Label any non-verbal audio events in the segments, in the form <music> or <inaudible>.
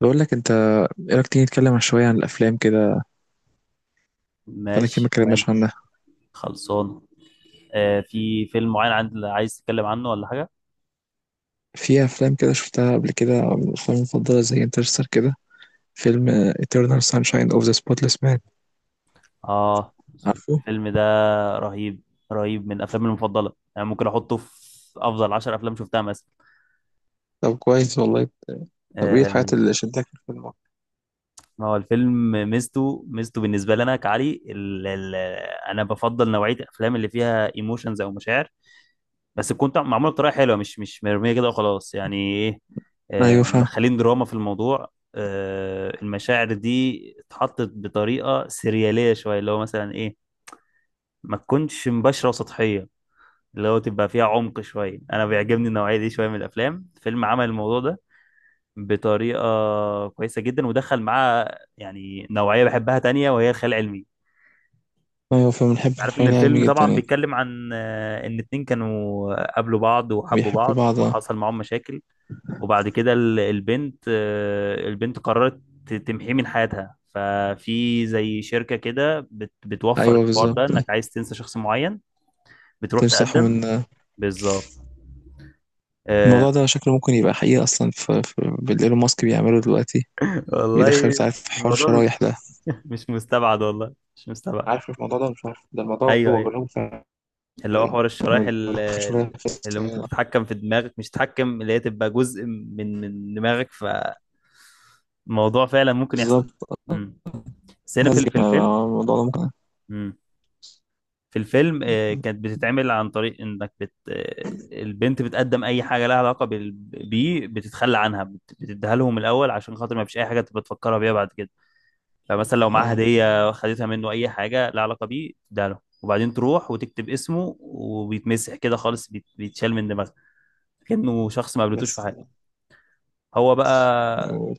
بقول لك انت، ايه رايك تيجي نتكلم عن شويه عن الافلام كده؟ بقالنا كتير ما ماشي اتكلمناش مال. عنها. خلصانه. آه، في فيلم معين عند عايز تتكلم عنه ولا حاجه؟ في افلام كده شفتها قبل كده من الافلام المفضله زي انترستر كده، فيلم Eternal Sunshine of the Spotless Mind. اه، عارفه؟ الفيلم ده رهيب. رهيب، من افلامي المفضله، يعني ممكن احطه في افضل 10 افلام شفتها مثلا. طب كويس والله. طب ايه الحاجات آه، اللي شدتك في الفيلم؟ ما هو الفيلم ميزته بالنسبه لنا، كعلي ال ال انا بفضل نوعيه الافلام اللي فيها ايموشنز او مشاعر، بس تكون معموله بطريقه حلوه، مش مرميه كده وخلاص، يعني ايه، ايوه فاهم. مدخلين دراما في الموضوع. المشاعر دي اتحطت بطريقه سرياليه شويه، اللي هو مثلا ايه، ما تكونش مباشره وسطحيه، اللي هو تبقى فيها عمق شويه. انا بيعجبني النوعيه دي شويه من الافلام. فيلم عمل الموضوع ده بطريقه كويسه جدا، ودخل معاه يعني نوعيه بحبها تانية وهي الخيال العلمي. ايوه فاهم، بنحب عارف ان الخيال الفيلم العلمي جدا طبعا يعني. بيتكلم عن ان اتنين كانوا قابلوا بعض وحبوا بيحبوا بعض بعض. وحصل معاهم مشاكل. وبعد كده البنت قررت تمحيه من حياتها. ففي زي شركة كده بتوفر ايوه الحوار ده، بالظبط. انك عايز تنسى شخص معين، بتروح تمسحوا تقدم. من. بالظبط. آه. الموضوع ده شكله ممكن يبقى حقيقي اصلا بالايلون ماسك بيعمله دلوقتي. <laughs> بيدخل والله تعرف في حوار الموضوع شرايح مش، ده. <laughs> مش مستبعد، والله مش مستبعد. عارف الموضوع ده، مش عارف ده الموضوع، ايوه، هو ايوه، بيقولهم. اللي هو حوار الشرايح شوية بس. اللي ممكن تتحكم في دماغك، مش تتحكم، اللي هي تبقى جزء من دماغك. فالموضوع فعلا ممكن يحصل. بالظبط. امم بس هنا في ال- هزج في مع الفيلم. الموضوع ده ممكن. امم. في الفيلم كانت بتتعمل عن طريق انك بت آه، البنت بتقدم اي حاجه لها علاقه بيه، بتتخلى عنها، بتديها لهم الاول، عشان خاطر ما فيش اي حاجه تبقى تفكرها بيها بعد كده. فمثلا لو معاها اه هديه خدتها منه، اي حاجه لها علاقه بيه تديها له، وبعدين تروح وتكتب اسمه وبيتمسح كده خالص، بيتشال من دماغها، كأنه شخص ما قابلتوش في بس كده. حياته. هو بقى أقول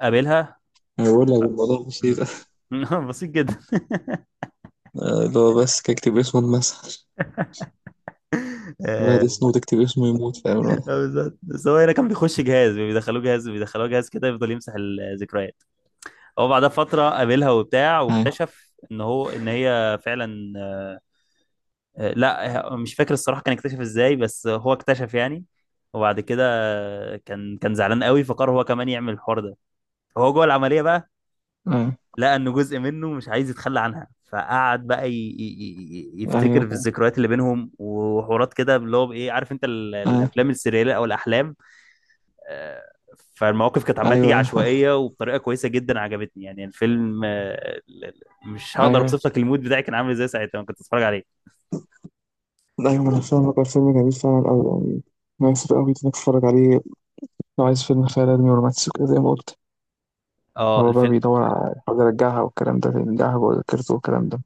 قابلها. أقول لك الموضوع مم. بسيط. <laughs> بسيط جدا. اللي هو بس كاكتب اسمه اتمسح. الواحد <laughs> يسنو تكتب اسمه يموت، فاهم الواحد. <laughs> اه، بالظبط، بس هو هنا كان بيخش جهاز، بيدخلوه جهاز، بيدخلوه جهاز كده، يفضل يمسح الذكريات. هو بعدها فترة قابلها وبتاع، ايوه واكتشف ان هو، ان هي فعلا لا، مش فاكر الصراحة كان اكتشف ازاي، بس هو اكتشف يعني. وبعد كده كان زعلان قوي، فقرر هو كمان يعمل الحوار ده. فهو جوه العملية بقى، لقى ان جزء منه مش عايز يتخلى عنها، فقعد بقى يفتكر في ايوه الذكريات اللي بينهم، وحوارات كده، اللي هو بايه، عارف انت ايوه. الافلام السريالية او الاحلام. آه، فالمواقف كانت عماله تيجي ايوه ايوه ايوه عشوائيه وبطريقه كويسه جدا، عجبتني يعني الفيلم. مش هقدر ايوه. اوصف لك المود بتاعي كان عامل ازاي ساعتها لما كنت بتفرج عليه. أيوة أنا فاهمك، هو الفيلم جميل فعلا أوي يعني. مناسب أوي إنك تتفرج عليه لو عايز فيلم خيال علمي ورومانسي وكده زي ما قلت. اه، هو بقى الفيلم بيدور على حاجة يرجعها والكلام ده، يرجعها جوه ذاكرته والكلام ده.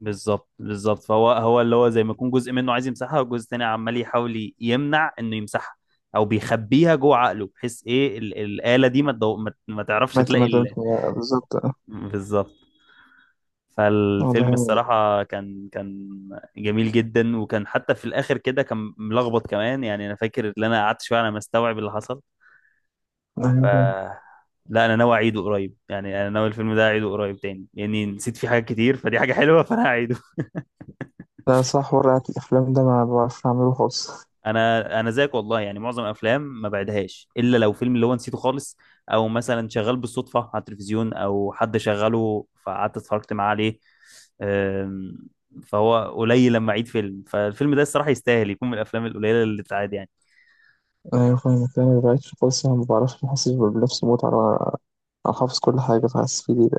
بالظبط، بالظبط. فهو اللي هو زي ما يكون جزء منه عايز يمسحها، وجزء تاني عمال يحاول يمنع انه يمسحها، او بيخبيها جوه عقله، بحيث ايه الاله دي ما تعرفش مات تلاقي مات مات- بالظبط. بالظبط. فالفيلم والله. الصراحة كان جميل جدا، وكان حتى في الآخر كده كان ملخبط كمان، يعني أنا فاكر إن أنا قعدت شوية على ما استوعب اللي حصل. ف أيوة فاهم. لا، أنا ناوي أعيده قريب، يعني أنا ناوي الفيلم ده أعيده قريب تاني، لأني يعني نسيت فيه حاجات كتير، فدي حاجة حلوة. <laughs> فأنا هعيده. لا صح، ورقة الأفلام ده ما بعرفش أعمله خالص. انا زيك والله، يعني معظم الافلام ما بعدهاش الا لو فيلم اللي هو نسيته خالص، او مثلا شغال بالصدفه على التلفزيون او حد شغله فقعدت اتفرجت معاه عليه. أم، فهو قليل لما اعيد فيلم. فالفيلم ده الصراحه يستاهل يكون من الافلام القليله اللي تتعاد يعني. أيوة فاهمك، أنا ما بعرفش خالص، أنا ما بعرفش، ما بحسش بنفس المتعة. على حافظ كل حاجة فحاسس في دي ده.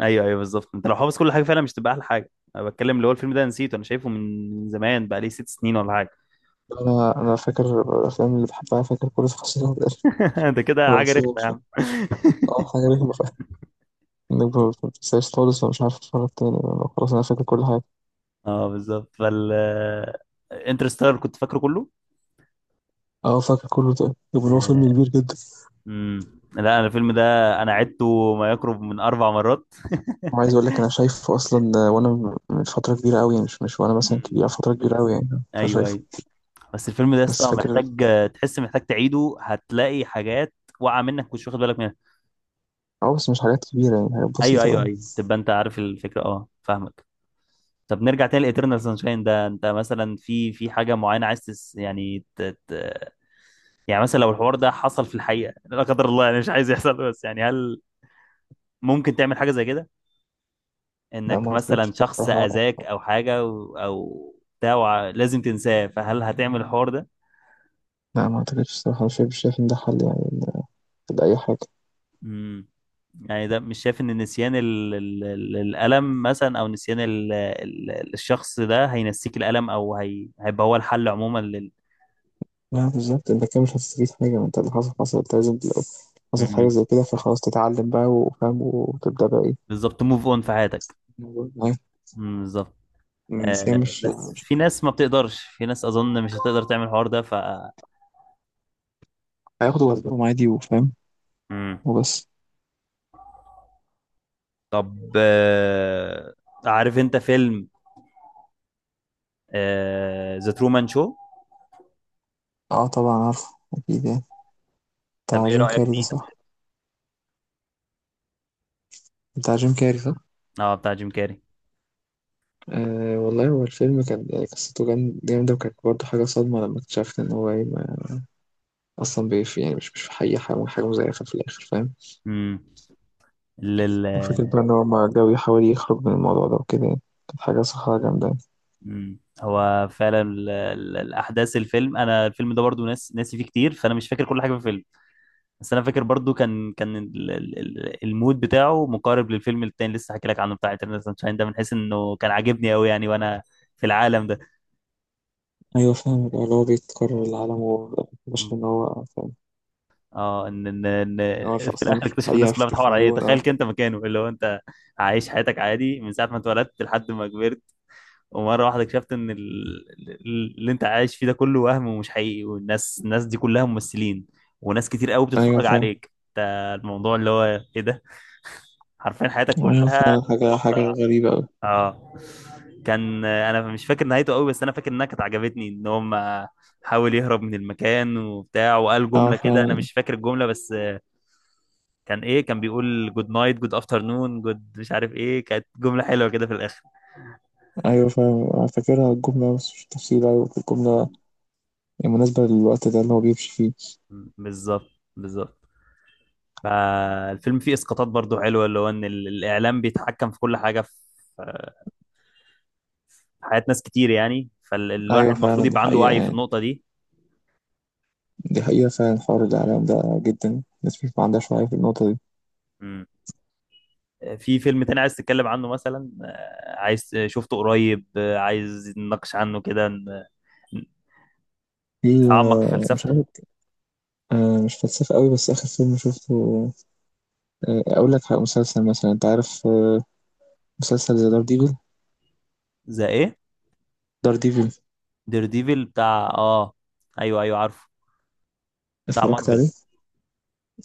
ايوه، ايوه، بالظبط، انت لو حافظ كل حاجه فعلا مش تبقى احلى حاجه. انا بتكلم اللي هو الفيلم ده نسيته، انا شايفه من زمان، بقى لي 6 سنين ولا حاجه. أنا فاكر الأفلام اللي بحبها، فاكر كل تفاصيلها ده. <laughs> ده كده حاجه بس هو رخمه يا مش- عم. <laughs> أه حاجة رخمة فاهم، إنك ما بتنساش خالص ومش عارف تتفرج تاني. أنا خلاص أنا فاكر كل حاجة. اه، بالظبط. انترستيلر كنت فاكره كله. أه فاكر كله ده، طب هو فيلم كبير جدا. امم، لا، انا الفيلم ده انا عدته ما يقرب من 4 مرات. وعايز أقول لك أنا شايفه أصلا، وأنا من فترة كبيرة أوي يعني، مش وأنا مثلا امم. كبير، فترة كبيرة أوي يعني. ايوه، فشايفه ايوه، بس الفيلم ده يا بس اسطى فاكر. محتاج، تحس محتاج تعيده، هتلاقي حاجات واقعه منك مش واخد بالك منها. اه بس مش حاجات كبيرة يعني، حاجات ايوه، بسيطة ايوه، أوي. ايوه، تبقى انت عارف الفكره، اه فاهمك. طب نرجع تاني لإترنال سانشاين ده، انت مثلا في حاجه معينه عايز تس يعني ت... ت... يعني مثلا لو الحوار ده حصل في الحقيقه، لا قدر الله، يعني مش عايز يحصل، بس يعني هل ممكن تعمل حاجه زي كده، لا ما انك أعتقدش مثلا شخص الصراحة. اذاك او حاجه او بتاع لازم تنساه، فهل هتعمل الحوار ده؟ لا ما أعتقدش الصراحة، مش شايف إن ده حل يعني لأي حاجة. امم يعني ده، مش شايف ان نسيان الالم مثلا، او نسيان الشخص ده هينسيك الالم، او هيبقى هو الحل عموما لا بالظبط، أنت كده مش هتستفيد حاجة، ما أنت اللي حصل حصل، أنت لازم لو حصل حاجة امم، زي كده فخلاص تتعلم بقى وفاهم وتبدأ بقى إيه بالظبط، موف اون في حياتك. الموضوع معاه. امم، بالظبط. بس هي آه، مش بس مش في ناس ما بتقدرش، في ناس اظن مش هتقدر تعمل الحوار ده. هياخد وقتهم عادي وفاهم امم. وبس. طب عارف انت فيلم ذا ترومان شو؟ اه طبعا عارفه أكيد يعني، طب بتاع ايه جيم رأيك كاري ده فيه؟ صح؟ بتاع جيم كاري صح. اه، بتاع جيم كاري. آه والله هو الفيلم كان يعني قصته جامدة، وكانت برضه حاجة صدمة لما اكتشفت إن هو اصلا بيف يعني، مش في حقيقة، حاجه مزيفه في الاخر فاهم. امم لل وفكره بقى ان هو ما جاي يحاول يخرج من الموضوع ده وكده يعني، كانت حاجه صراحه جامده يعني. مم. هو فعلا الاحداث الفيلم، انا الفيلم ده برضو ناسي فيه كتير، فانا مش فاكر كل حاجه في الفيلم. بس انا فاكر برضو كان المود بتاعه مقارب للفيلم التاني لسه حكي لك عنه، بتاع انترنال سانشاين ده، من حيث انه كان عاجبني قوي يعني، وانا في العالم ده. ايوه فاهم بقى اللي هو بيتكرر العالم وبشر ان مم. هو فاهم. اه، ان هو مش- في اصلا الاخر مش في اكتشف الناس الحقيقه، في كلها بتحور عليه. التلفزيون تخيل اه. كنت مكانه، اللي هو انت عايش حياتك عادي من ساعه ما اتولدت لحد ما كبرت، ومره واحده اكتشفت ان اللي انت عايش فيه ده كله وهم ومش حقيقي، والناس، الناس دي كلها ممثلين، وناس كتير قوي ايوه بتتفرج فاهم. عليك انت. الموضوع اللي هو ايه ده، حرفيا حياتك ايوه كلها فعلا، حاجه موضع غريبه أوي. اه. كان انا مش فاكر نهايته قوي، بس انا فاكر انها كانت عجبتني. ان هم حاول يهرب من المكان وبتاع، وقال اه جمله كده، انا فعلا. مش فاكر الجمله بس، كان ايه، كان بيقول جود نايت جود افترنون جود مش عارف ايه، كانت جمله حلوه كده في الاخر. ايوه فاهم، أنا فاكرها الجمله بس مش تفصيل. ايوه الجمله م- يعني مناسبه للوقت ده اللي هو بيمشي فيه. بالظبط، بالظبط. فالفيلم فيه اسقاطات برضو حلوه، اللي هو ان الاعلام بيتحكم في كل حاجه، في حياه ناس كتير يعني، فالواحد ايوه المفروض فعلا، دي يبقى عنده حقيقه وعي في يعني. النقطه دي. دي حقيقه فعلا، حوار الاعلام ده جدا الناس مش ما عندهاش وعي في النقطه دي. مم. في فيلم تاني عايز تتكلم عنه مثلا، عايز شفته قريب، عايز نناقش عنه كده، في نتعمق في مش فلسفته. عارف، مش فلسفة قوي، بس آخر فيلم شفته، أقول لك على مسلسل مثلا. أنت عارف مسلسل زي دار ديفل؟ زي ايه؟ دار ديفل. دير ديفل بتاع اه، ايوه، ايوه، عارفه، بتاع اتفرجت مارفل. عليه؟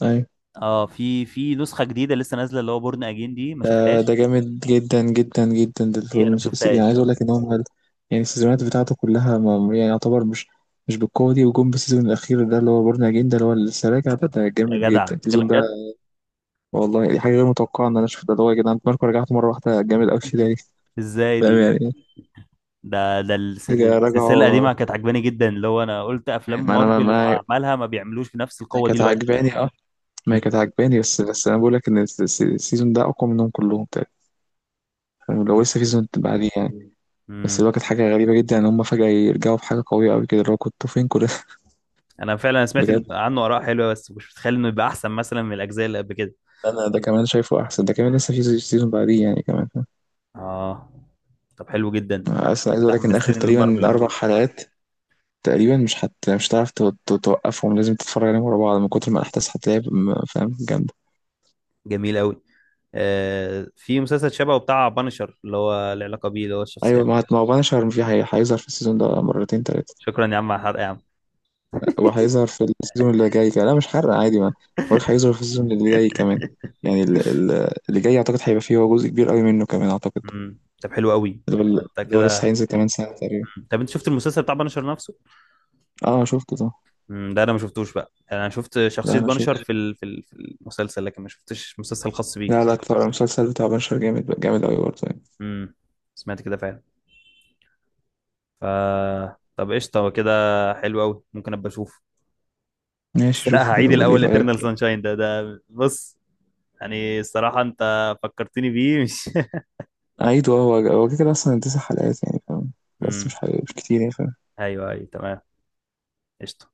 أيوة. اه، في نسخه جديده لسه نازله، اللي هو بورن اجين، دي ما ده ده شفتهاش. جامد جدا جدا جدا، ده دي انا الفيلم ما يعني عايز شفتهاش. أقول لك إن هم يعني السيزونات بتاعته كلها ما يعني يعتبر مش بالقوة دي، وجم بالسيزون الأخير ده اللي هو بورنا أجين ده اللي هو لسه راجع، ده ده جامد يا جدع جدا السيزون بتتكلم ده. جد؟ والله دي حاجة غير متوقعة إن أنا أشوف ده، اللي هو يا جدعان ماركو رجعت مرة واحدة جامد أوي كده <laughs> ليه؟ ازاي فاهم دي؟ يعني. ده حاجة السلسله رجعوا. القديمه كانت عجباني جدا، اللي هو انا قلت افلام ما أنا ما مارفل ما- وعملها ما بيعملوش بنفس أنا القوه دي كانت دلوقتي. عاجباني. ما هي امم، كانت عجباني، بس انا بقول لك ان السيزون ده اقوى منهم كلهم تقريبا يعني، لو حلو لسه في جدا. سيزون بعديه يعني. بس امم، اللي هو كانت حاجه غريبه جدا ان هم فجاه يرجعوا بحاجه قويه قوي كده، اللي هو كنتوا فين كل ده <laughs> انا فعلا سمعت إن بجد عنه اراء حلوه، بس مش متخيل انه يبقى احسن مثلا من الاجزاء اللي قبل كده. انا ده كمان شايفه احسن، ده كمان لسه في سيزون بعديه يعني كمان. اه، طب حلو جدا، اصلا انت عايز كده اقول لك ان اخر حمستني للمارفل تقريبا اربع عموما. حلقات تقريبا مش هتعرف توقفهم، لازم تتفرج عليهم ورا بعض من كتر ما الاحداث هتلاقيها فاهم جامده. جميل قوي. آه، في مسلسل شبهه بتاع بانشر، اللي هو العلاقه بيه، اللي هو الشخصيه. ايوه ما هو بنشر في هيظهر في السيزون ده مرتين تلاتة. شكرا يا عم على الحرق يا عم. هو هيظهر في السيزون اللي جاي كمان، لا مش حرق عادي ما بقولك <laughs> هيظهر في السيزون اللي جاي كمان. يعني اللي جاي اعتقد هيبقى فيه هو جزء كبير قوي منه كمان اعتقد. امم، طب حلو قوي. اللي هو انت اللي هو لسه كده، هينزل كمان سنة تقريبا. طب انت شفت المسلسل بتاع بانشر نفسه؟ اه شفته ده. ده انا ما شفتوش بقى، يعني انا شفت لا شخصية انا بانشر شفته. في في المسلسل، لكن ما شفتش مسلسل خاص لا بيه. لا اكتر، المسلسل بتاع بنشر جامد جامد قوي برضه يعني. امم، سمعت كده فعلا. ف طب قشطة، هو كده، حلو قوي، ممكن ابقى اشوف. بس ماشي لا، شوفه هعيد كده وقول لي الاول رأيك. eternal sunshine ده، بص، يعني الصراحة انت فكرتني بيه مش. <laughs> عيد، اه هو هو كده كده اصلا 9 حلقات يعني فاهم، بس مش امم، حي... مش كتير يعني فاهم ايوه، ايوه، تمام، قشطة.